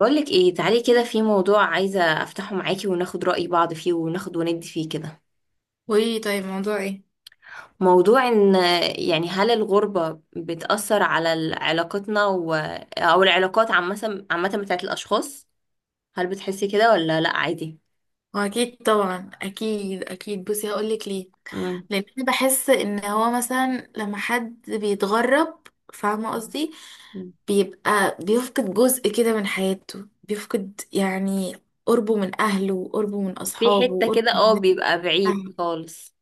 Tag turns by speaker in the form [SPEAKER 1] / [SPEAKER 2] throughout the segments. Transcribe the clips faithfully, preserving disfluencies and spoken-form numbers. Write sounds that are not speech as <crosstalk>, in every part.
[SPEAKER 1] بقولك ايه؟ تعالي كده، في موضوع عايزة افتحه معاكي وناخد رأي بعض فيه، وناخد وندي فيه كده.
[SPEAKER 2] وايه؟ طيب، موضوع ايه؟
[SPEAKER 1] موضوع ان يعني، هل الغربة بتأثر على ال- علاقتنا و... او العلاقات عامة، عامة بتاعت الاشخاص؟ هل بتحسي كده ولا لا عادي؟
[SPEAKER 2] واكيد طبعا، اكيد اكيد. بصي، هقولك ليه.
[SPEAKER 1] مم.
[SPEAKER 2] لان انا بحس ان هو مثلا لما حد بيتغرب، فاهمه قصدي، بيبقى بيفقد جزء كده من حياته، بيفقد يعني قربه من اهله، قربه من
[SPEAKER 1] في
[SPEAKER 2] اصحابه،
[SPEAKER 1] حتة
[SPEAKER 2] قربه
[SPEAKER 1] كده،
[SPEAKER 2] من
[SPEAKER 1] اه
[SPEAKER 2] الناس اللي
[SPEAKER 1] بيبقى بعيد
[SPEAKER 2] بيحبها.
[SPEAKER 1] خالص.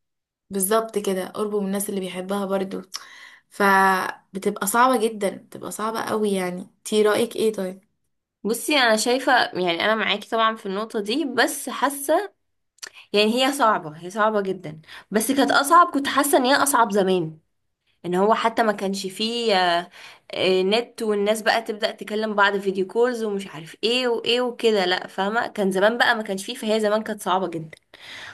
[SPEAKER 2] بالظبط كده، قربه من الناس اللي بيحبها برضو. فبتبقى صعبه جدا، بتبقى صعبه قوي يعني. تي رايك ايه طيب؟
[SPEAKER 1] بصي، انا شايفة، يعني انا معاكي طبعا في النقطة دي، بس حاسة يعني هي صعبة، هي صعبة جدا. بس كانت اصعب، كنت حاسة ان هي اصعب زمان، ان هو حتى ما كانش فيه آه، آه، نت. والناس بقى تبدأ تكلم بعض، فيديو كولز ومش عارف ايه وايه وكده. لا فاهمة، كان زمان بقى ما كانش فيه، فهي زمان كانت صعبة جدا.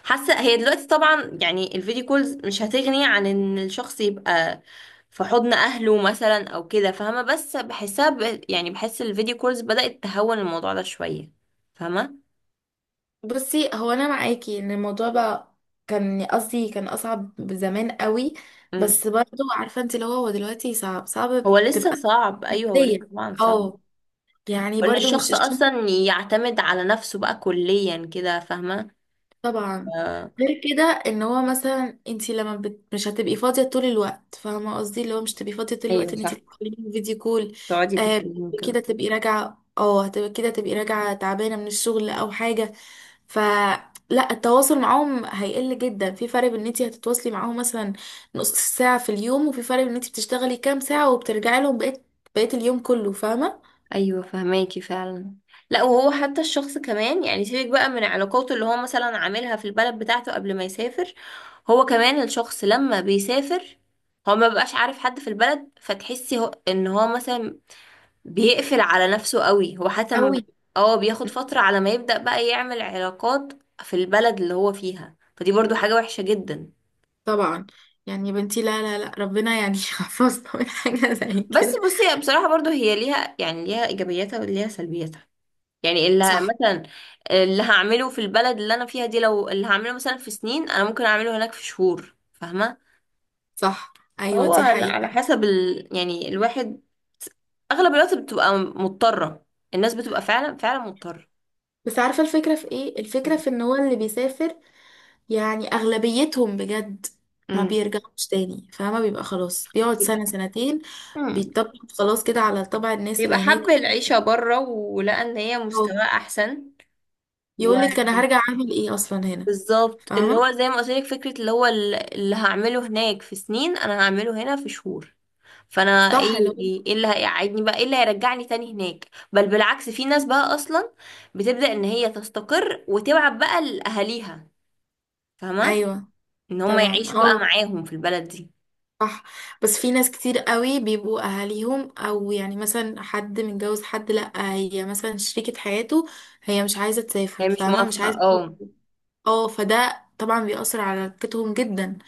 [SPEAKER 1] حاسة هي دلوقتي طبعا يعني الفيديو كولز مش هتغني عن ان الشخص يبقى في حضن اهله مثلا او كده، فاهمة؟ بس بحسها ب... يعني بحس الفيديو كولز بدأت تهون الموضوع ده شوية، فاهمة؟
[SPEAKER 2] بصي، هو انا معاكي ان الموضوع بقى كان قصدي كان اصعب زمان قوي.
[SPEAKER 1] مم.
[SPEAKER 2] بس برضو عارفه انت اللي هو هو دلوقتي صعب صعب،
[SPEAKER 1] هو لسه
[SPEAKER 2] بتبقى
[SPEAKER 1] صعب، ايوه، هو
[SPEAKER 2] نفسيا.
[SPEAKER 1] لسه طبعا صعب.
[SPEAKER 2] اه، يعني
[SPEAKER 1] ان
[SPEAKER 2] برضو مش
[SPEAKER 1] الشخص
[SPEAKER 2] الشخص.
[SPEAKER 1] اصلا يعتمد على نفسه بقى كليا كده، فاهمة؟
[SPEAKER 2] طبعا.
[SPEAKER 1] آه.
[SPEAKER 2] غير كده، ان هو مثلا انت لما بت... مش هتبقي فاضيه طول الوقت، فاهمه قصدي، اللي هو مش تبقي فاضيه طول
[SPEAKER 1] ايوه
[SPEAKER 2] الوقت ان انت
[SPEAKER 1] صح،
[SPEAKER 2] تتكلمي فيديو كول.
[SPEAKER 1] تقعدي
[SPEAKER 2] آه،
[SPEAKER 1] تكلميهم كده.
[SPEAKER 2] كده تبقي راجعه اه هتبقى كده تبقي راجعه تعبانه من الشغل او حاجه. فلا، التواصل معاهم هيقل جدا. في فرق بين ان انت هتتواصلي معاهم مثلا نص ساعه في اليوم، وفي فرق بين ان انت بتشتغلي كام ساعه وبترجعي لهم بقيت بقيت اليوم كله، فاهمه.
[SPEAKER 1] ايوه فهماكي فعلا. لا، وهو حتى الشخص كمان يعني، سيبك بقى من علاقاته اللي هو مثلا عاملها في البلد بتاعته قبل ما يسافر، هو كمان الشخص لما بيسافر، هو ما بقاش عارف حد في البلد، فتحسي هو ان هو مثلا بيقفل على نفسه قوي. هو حتى ما-
[SPEAKER 2] قوي.
[SPEAKER 1] اه بياخد فترة على ما يبدأ بقى يعمل علاقات في البلد اللي هو فيها، فدي برضو حاجة وحشة جدا.
[SPEAKER 2] طبعا. يعني يا بنتي، لا لا لا، ربنا يعني <laughs> يحفظنا من حاجه زي
[SPEAKER 1] بس
[SPEAKER 2] كده.
[SPEAKER 1] بصي بصراحة برضو هي ليها يعني ليها إيجابياتها وليها سلبياتها. يعني اللي ه-
[SPEAKER 2] صح.
[SPEAKER 1] مثلا اللي هعمله في البلد اللي انا فيها دي، لو اللي هعمله مثلا في سنين انا ممكن اعمله هناك في شهور، فاهمه؟
[SPEAKER 2] صح. ايوه،
[SPEAKER 1] هو
[SPEAKER 2] دي
[SPEAKER 1] على على
[SPEAKER 2] حقيقة.
[SPEAKER 1] حسب ال... يعني الواحد اغلب الوقت بتبقى مضطره، الناس بتبقى فعلا، فعلا مضطره.
[SPEAKER 2] بس عارفة الفكرة في ايه، الفكرة في ان هو اللي بيسافر يعني اغلبيتهم بجد ما
[SPEAKER 1] امم.
[SPEAKER 2] بيرجعوش تاني. فما بيبقى خلاص، بيقعد
[SPEAKER 1] بيبقى
[SPEAKER 2] سنة سنتين،
[SPEAKER 1] مم.
[SPEAKER 2] بيتطبق خلاص كده على طبع الناس
[SPEAKER 1] بيبقى
[SPEAKER 2] اللي هناك.
[SPEAKER 1] حب العيشه بره ولقى ان هي مستواه احسن. و
[SPEAKER 2] يقول لك انا هرجع اعمل ايه اصلا هنا؟
[SPEAKER 1] بالظبط اللي
[SPEAKER 2] فاهمة.
[SPEAKER 1] هو زي ما قلت لك فكره، اللي هو ال- اللي هعمله هناك في سنين انا هعمله هنا في شهور. فانا
[SPEAKER 2] صح، اللي
[SPEAKER 1] ايه
[SPEAKER 2] هو
[SPEAKER 1] ايه إيه اللي هيقعدني بقى، ايه اللي هيرجعني تاني هناك؟ بل بالعكس، في ناس بقى اصلا بتبدأ ان هي تستقر وتبعت بقى لاهاليها، فاهمه؟
[SPEAKER 2] ايوه
[SPEAKER 1] ان هم
[SPEAKER 2] طبعا
[SPEAKER 1] يعيشوا بقى
[SPEAKER 2] اه
[SPEAKER 1] معاهم في البلد دي.
[SPEAKER 2] صح. بس في ناس كتير قوي بيبقوا اهاليهم، او يعني مثلا حد متجوز، حد لا، هي مثلا شريكة حياته هي مش عايزة تسافر،
[SPEAKER 1] هي مش
[SPEAKER 2] فاهمة، مش
[SPEAKER 1] موافقه،
[SPEAKER 2] عايزة.
[SPEAKER 1] اه.
[SPEAKER 2] اه، فده طبعا بيأثر على علاقتهم جدا.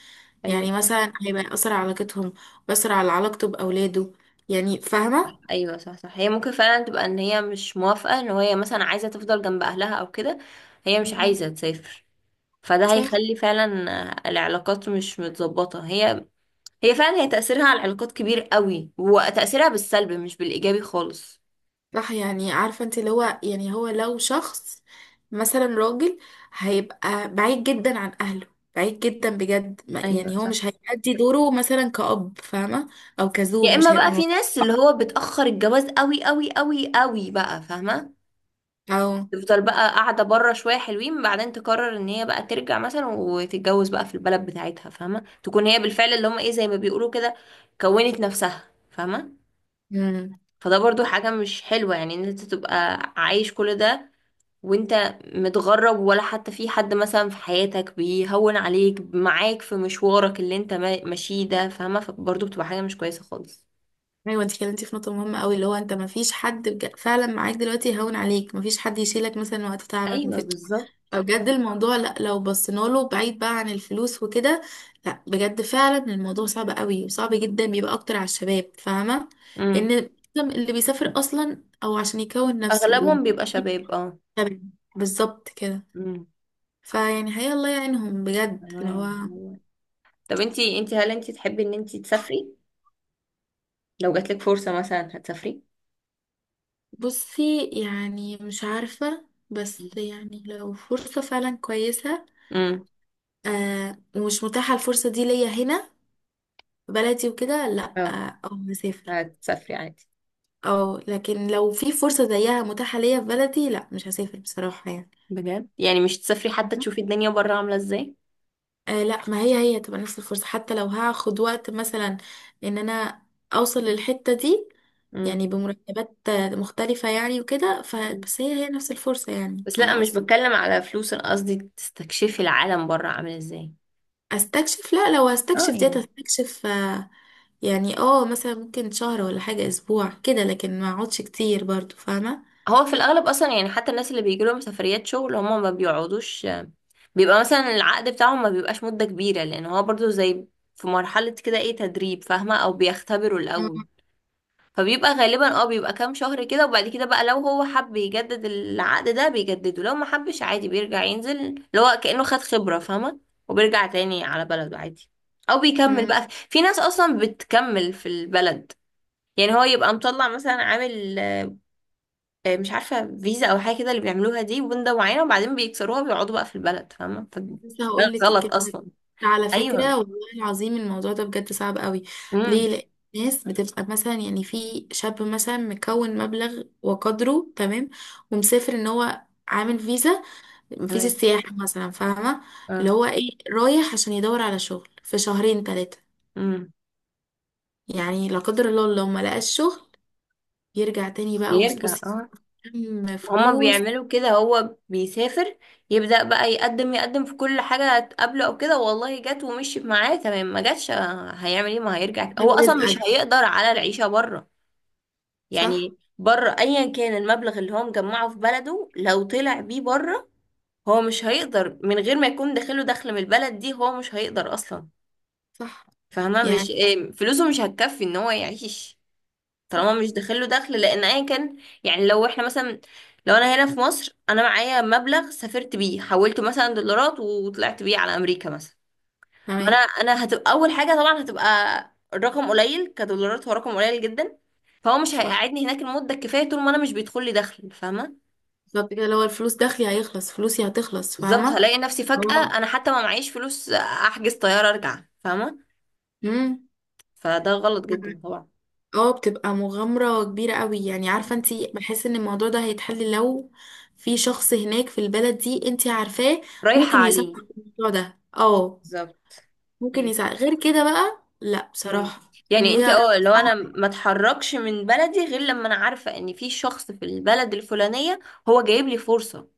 [SPEAKER 1] ايوه
[SPEAKER 2] يعني
[SPEAKER 1] صح.
[SPEAKER 2] مثلا هيبقى يأثر على علاقتهم، بيأثر على علاقته بأولاده، يعني فاهمة.
[SPEAKER 1] ايوه صح صح، هي ممكن فعلا تبقى ان هي مش موافقه، ان هي مثلا عايزه تفضل جنب اهلها او كده، هي مش
[SPEAKER 2] مم.
[SPEAKER 1] عايزه تسافر. فده
[SPEAKER 2] صح
[SPEAKER 1] هيخلي فعلا العلاقات مش متظبطه. هي، هي فعلا، هي تأثيرها على العلاقات كبير قوي، وتأثيرها بالسلب مش بالإيجابي خالص.
[SPEAKER 2] صح. يعني عارفة انت اللي هو، يعني هو لو شخص مثلا راجل، هيبقى بعيد جدا عن أهله، بعيد جدا بجد. ما-
[SPEAKER 1] ايوه
[SPEAKER 2] يعني هو
[SPEAKER 1] صح.
[SPEAKER 2] مش هيأدي دوره مثلا كأب، فاهمة، أو
[SPEAKER 1] يا
[SPEAKER 2] كزوج،
[SPEAKER 1] اما
[SPEAKER 2] مش
[SPEAKER 1] بقى
[SPEAKER 2] هيبقى
[SPEAKER 1] في
[SPEAKER 2] موجود.
[SPEAKER 1] ناس اللي هو بتأخر الجواز قوي قوي قوي قوي بقى، فاهمة؟
[SPEAKER 2] أو.
[SPEAKER 1] تفضل بقى قاعدة بره شوية حلوين، بعدين تقرر ان هي بقى ترجع مثلا وتتجوز بقى في البلد بتاعتها، فاهمة؟ تكون هي بالفعل اللي هم ايه زي ما بيقولوا كده، كونت نفسها، فاهمة؟
[SPEAKER 2] مم.
[SPEAKER 1] فده برضو حاجة مش حلوة، يعني ان انت تبقى عايش كل ده وانت متغرب، ولا حتى في حد مثلا في حياتك بيهون عليك، معاك في مشوارك اللي انت ما- ماشيه ده، فاهمة؟ فبرضو بتبقى حاجة مش كويسة خالص.
[SPEAKER 2] ايوه، انت كلمتي في نقطه مهمه قوي، اللي هو انت ما فيش حد بج- فعلا معاك دلوقتي يهون عليك، ما فيش حد يشيلك مثلا وقت تعبك، ما
[SPEAKER 1] ايوه
[SPEAKER 2] فيش.
[SPEAKER 1] بالظبط.
[SPEAKER 2] فبجد الموضوع، لا لو بصينا له بعيد بقى عن الفلوس وكده، لا بجد فعلا الموضوع صعب قوي، وصعب جدا بيبقى اكتر على الشباب، فاهمه.
[SPEAKER 1] امم.
[SPEAKER 2] ان اللي بيسافر اصلا او عشان يكون نفسه وب-
[SPEAKER 1] اغلبهم بيبقى شباب، اه.
[SPEAKER 2] بالظبط كده.
[SPEAKER 1] امم.
[SPEAKER 2] فيعني هي الله يعينهم بجد اللي
[SPEAKER 1] تمام.
[SPEAKER 2] هو.
[SPEAKER 1] طب انتي انتي هل انتي تحبي ان انتي تسافري؟ لو جاتلك فرصة مثلا هتسافري؟
[SPEAKER 2] بصي، يعني مش عارفة، بس يعني لو فرصة فعلا كويسة،
[SPEAKER 1] امم.
[SPEAKER 2] آه ومش متاحة الفرصة دي ليا هنا في بلدي وكده، لا
[SPEAKER 1] اه،
[SPEAKER 2] آه او هسافر.
[SPEAKER 1] هتسافري عادي.
[SPEAKER 2] او لكن لو في فرصة زيها متاحة ليا في بلدي، لا مش هسافر بصراحة يعني.
[SPEAKER 1] بجد؟ يعني مش تسافري حتى
[SPEAKER 2] مهم.
[SPEAKER 1] تشوفي الدنيا بره عاملة ازاي؟
[SPEAKER 2] آه، لا، ما هي هي هتبقى نفس الفرصة، حتى لو هاخد وقت مثلا ان انا اوصل للحتة دي.
[SPEAKER 1] امم.
[SPEAKER 2] يعني بمرتبات آه، مختلفة يعني وكده،
[SPEAKER 1] مم.
[SPEAKER 2] فبس هي هي نفس الفرصة، يعني
[SPEAKER 1] بس لا،
[SPEAKER 2] فاهمة
[SPEAKER 1] مش
[SPEAKER 2] قصدي.
[SPEAKER 1] بتكلم على فلوس، انا قصدي تستكشفي العالم بره عامل ازاي.
[SPEAKER 2] استكشف، لا لو
[SPEAKER 1] اه
[SPEAKER 2] هستكشف ديت
[SPEAKER 1] يعني،
[SPEAKER 2] هستكشف آه، يعني اه مثلا ممكن شهر ولا حاجة، اسبوع كده، لكن ما اقعدش كتير برضو، فاهمة.
[SPEAKER 1] هو في الاغلب اصلا يعني حتى الناس اللي بيجي لهم سفريات شغل هم ما بيقعدوش، بيبقى مثلا العقد بتاعهم ما بيبقاش مدة كبيرة، لان هو برضو زي في مرحلة كده ايه، تدريب، فاهمة؟ او بيختبروا
[SPEAKER 2] مم.
[SPEAKER 1] الاول، فبيبقى غالبا اه بيبقى كام شهر كده، وبعد كده بقى لو هو حب يجدد العقد ده بيجدده، لو ما حبش عادي بيرجع ينزل، اللي هو كأنه خد خبرة، فاهمة؟ وبيرجع تاني على بلده عادي، او بيكمل.
[SPEAKER 2] مم.
[SPEAKER 1] بقى في ناس اصلا بتكمل في البلد، يعني هو يبقى مطلع مثلا عامل آه، مش عارفة، فيزا أو حاجة كده اللي بيعملوها دي وبندة معينة، وبعدين بيكسروها وبيقعدوا بقى في البلد، فاهمة؟ فده
[SPEAKER 2] لسه هقول لك
[SPEAKER 1] غلط
[SPEAKER 2] الكلمة.
[SPEAKER 1] أصلا.
[SPEAKER 2] على فكرة
[SPEAKER 1] أيوه.
[SPEAKER 2] والله العظيم الموضوع ده بجد صعب قوي. ليه؟
[SPEAKER 1] امم.
[SPEAKER 2] لأن الناس بتبقى مثلا، يعني في شاب مثلا مكون مبلغ وقدره، تمام، ومسافر ان هو عامل فيزا، فيزا
[SPEAKER 1] تمام.
[SPEAKER 2] السياحة مثلا، فاهمة، اللي
[SPEAKER 1] اه.
[SPEAKER 2] هو ايه رايح عشان يدور على شغل في شهرين ثلاثة.
[SPEAKER 1] امم.
[SPEAKER 2] يعني لا قدر الله لو ما لقاش شغل، يرجع تاني بقى.
[SPEAKER 1] بيرجع،
[SPEAKER 2] وبصي
[SPEAKER 1] اه.
[SPEAKER 2] كم
[SPEAKER 1] هما
[SPEAKER 2] فلوس
[SPEAKER 1] بيعملوا كده، هو بيسافر يبدأ بقى يقدم، يقدم في كل حاجة تقابله أو كده، والله جت ومشيت معاه تمام، ما جاتش آه، هيعمل ايه؟ ما هيرجع، هو أصلا مش
[SPEAKER 2] رزقك.
[SPEAKER 1] هيقدر على العيشة بره.
[SPEAKER 2] صح
[SPEAKER 1] يعني بره أيا كان المبلغ اللي هو مجمعه في بلده، لو طلع بيه بره هو مش هيقدر من غير ما يكون داخله دخل من البلد دي، هو مش هيقدر اصلا،
[SPEAKER 2] صح
[SPEAKER 1] فاهمه؟ مش
[SPEAKER 2] يعني
[SPEAKER 1] إيه، فلوسه مش هتكفي ان هو يعيش طالما مش
[SPEAKER 2] صح
[SPEAKER 1] داخله دخل، لان ايا كان يعني. لو احنا مثلا، لو انا هنا في مصر انا معايا مبلغ سافرت بيه، حولته مثلا دولارات وطلعت بيه على امريكا مثلا، ما انا
[SPEAKER 2] تمام
[SPEAKER 1] انا هتبقى اول حاجه طبعا هتبقى الرقم قليل كدولارات، هو رقم قليل جدا، فهو مش
[SPEAKER 2] صح.
[SPEAKER 1] هيقعدني هناك المده الكفايه طول ما انا مش بيدخل لي دخل، فاهمه؟
[SPEAKER 2] بالظبط كده، لو الفلوس دخلي، هيخلص فلوسي، هتخلص،
[SPEAKER 1] بالظبط،
[SPEAKER 2] فاهمة.
[SPEAKER 1] هلاقي نفسي فجأة
[SPEAKER 2] اه.
[SPEAKER 1] انا حتى ما معيش فلوس احجز طيارة ارجع، فاهمة؟
[SPEAKER 2] امم
[SPEAKER 1] فده غلط جدا طبعا.
[SPEAKER 2] اه، بتبقى مغامرة كبيرة قوي، يعني عارفة
[SPEAKER 1] مم.
[SPEAKER 2] انتي، بحس ان الموضوع ده هيتحل لو في شخص هناك في البلد دي انتي عارفاه
[SPEAKER 1] رايحة
[SPEAKER 2] ممكن يساعدك
[SPEAKER 1] عليه،
[SPEAKER 2] في الموضوع ده. اه،
[SPEAKER 1] بالظبط.
[SPEAKER 2] ممكن
[SPEAKER 1] أيوة.
[SPEAKER 2] يساعد غير كده بقى، لا
[SPEAKER 1] مم.
[SPEAKER 2] بصراحة. ان
[SPEAKER 1] يعني انت
[SPEAKER 2] هي
[SPEAKER 1] اه لو انا ما اتحركش من بلدي غير لما انا عارفة ان في شخص في البلد الفلانية هو جايب لي فرصة،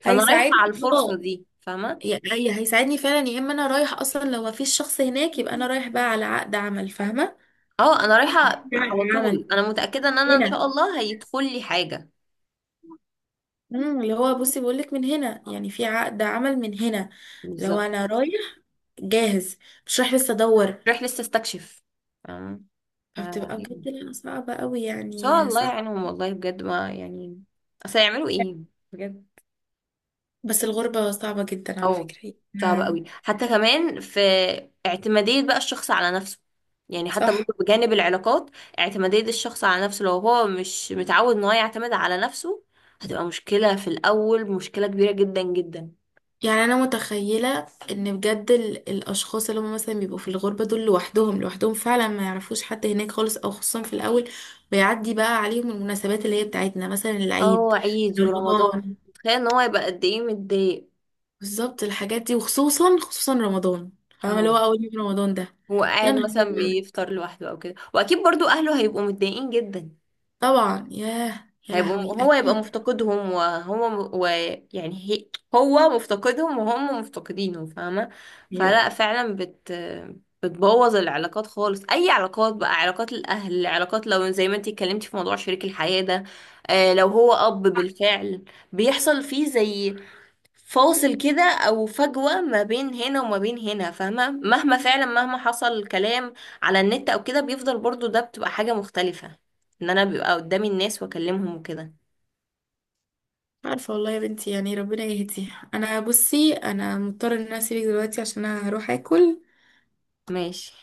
[SPEAKER 1] فانا رايحة
[SPEAKER 2] هيساعدني
[SPEAKER 1] على الفرصة
[SPEAKER 2] اه
[SPEAKER 1] دي، فاهمة؟
[SPEAKER 2] يعني هيساعدني فعلا. يا اما انا رايح اصلا، لو مفيش شخص هناك يبقى انا رايح بقى على عقد عمل، فاهمة،
[SPEAKER 1] اه، انا رايحة
[SPEAKER 2] عقد
[SPEAKER 1] على
[SPEAKER 2] عمل
[SPEAKER 1] طول، انا متأكدة ان انا ان
[SPEAKER 2] هنا.
[SPEAKER 1] شاء الله هيدخل لي حاجة.
[SPEAKER 2] امم اللي هو بصي بقولك، من هنا، يعني في عقد عمل من هنا. لو
[SPEAKER 1] بالظبط.
[SPEAKER 2] انا رايح جاهز، مش رايح لسه ادور.
[SPEAKER 1] رايح لسه استكشف، فاهمة؟ ف-
[SPEAKER 2] فبتبقى
[SPEAKER 1] ان
[SPEAKER 2] بجد، لا صعبة قوي
[SPEAKER 1] شاء
[SPEAKER 2] يعني،
[SPEAKER 1] الله
[SPEAKER 2] صعب.
[SPEAKER 1] يعينهم والله بجد، ما يعني اصل هيعملوا ايه؟ بجد.
[SPEAKER 2] بس الغربة صعبة جدا على
[SPEAKER 1] او
[SPEAKER 2] فكرة.
[SPEAKER 1] صعب
[SPEAKER 2] آه،
[SPEAKER 1] قوي، حتى كمان في اعتمادية بقى الشخص على نفسه، يعني حتى
[SPEAKER 2] صح.
[SPEAKER 1] برضه بجانب العلاقات، اعتمادية الشخص على نفسه لو هو مش متعود ان هو يعتمد على نفسه هتبقى مشكلة في الأول، مشكلة كبيرة جدا جدا.
[SPEAKER 2] يعني انا متخيلة ان بجد ال- الاشخاص اللي هم مثلا بيبقوا في الغربة دول لوحدهم، لوحدهم فعلا ما يعرفوش حد هناك خالص، او خصوصا في الاول بيعدي بقى عليهم المناسبات اللي هي بتاعتنا، مثلا
[SPEAKER 1] اه،
[SPEAKER 2] العيد،
[SPEAKER 1] عيد ورمضان،
[SPEAKER 2] رمضان.
[SPEAKER 1] تخيل ان هو يبقى قد ايه متضايق.
[SPEAKER 2] بالظبط الحاجات دي، وخصوصا خصوصا رمضان، فاهمة، اللي
[SPEAKER 1] اهو.
[SPEAKER 2] هو أول يوم رمضان ده.
[SPEAKER 1] هو
[SPEAKER 2] يا
[SPEAKER 1] قاعد
[SPEAKER 2] نهار
[SPEAKER 1] مثلا
[SPEAKER 2] أبيض.
[SPEAKER 1] بيفطر لوحده او كده، واكيد برضو اهله هيبقوا متضايقين جدا.
[SPEAKER 2] طبعا. ياه، يا
[SPEAKER 1] هيبقوا،
[SPEAKER 2] لهوي،
[SPEAKER 1] هو يبقى
[SPEAKER 2] أكيد.
[SPEAKER 1] مفتقدهم، وهو ويعني هي، هو مفتقدهم وهم مفتقدينه، فاهمة؟
[SPEAKER 2] أيوه، مش
[SPEAKER 1] فلا فعلا بت بتبوظ العلاقات خالص، اي علاقات بقى، علاقات الاهل، علاقات لو زي ما انتي اتكلمتي في موضوع شريك الحياة ده، آه لو هو اب بالفعل بيحصل فيه زي فاصل كده او فجوة ما بين هنا وما بين هنا، فاهمة؟ مهما فعلا مهما حصل كلام على النت او كده بيفضل برضو ده بتبقى حاجة مختلفة، ان انا بيبقى قدامي الناس واكلمهم وكده.
[SPEAKER 2] عارفة والله يا بنتي، يعني ربنا يهدي. أنا بصي، أنا مضطرة إن أنا أسيبك دلوقتي عشان أنا هروح أكل.
[SPEAKER 1] ماشي.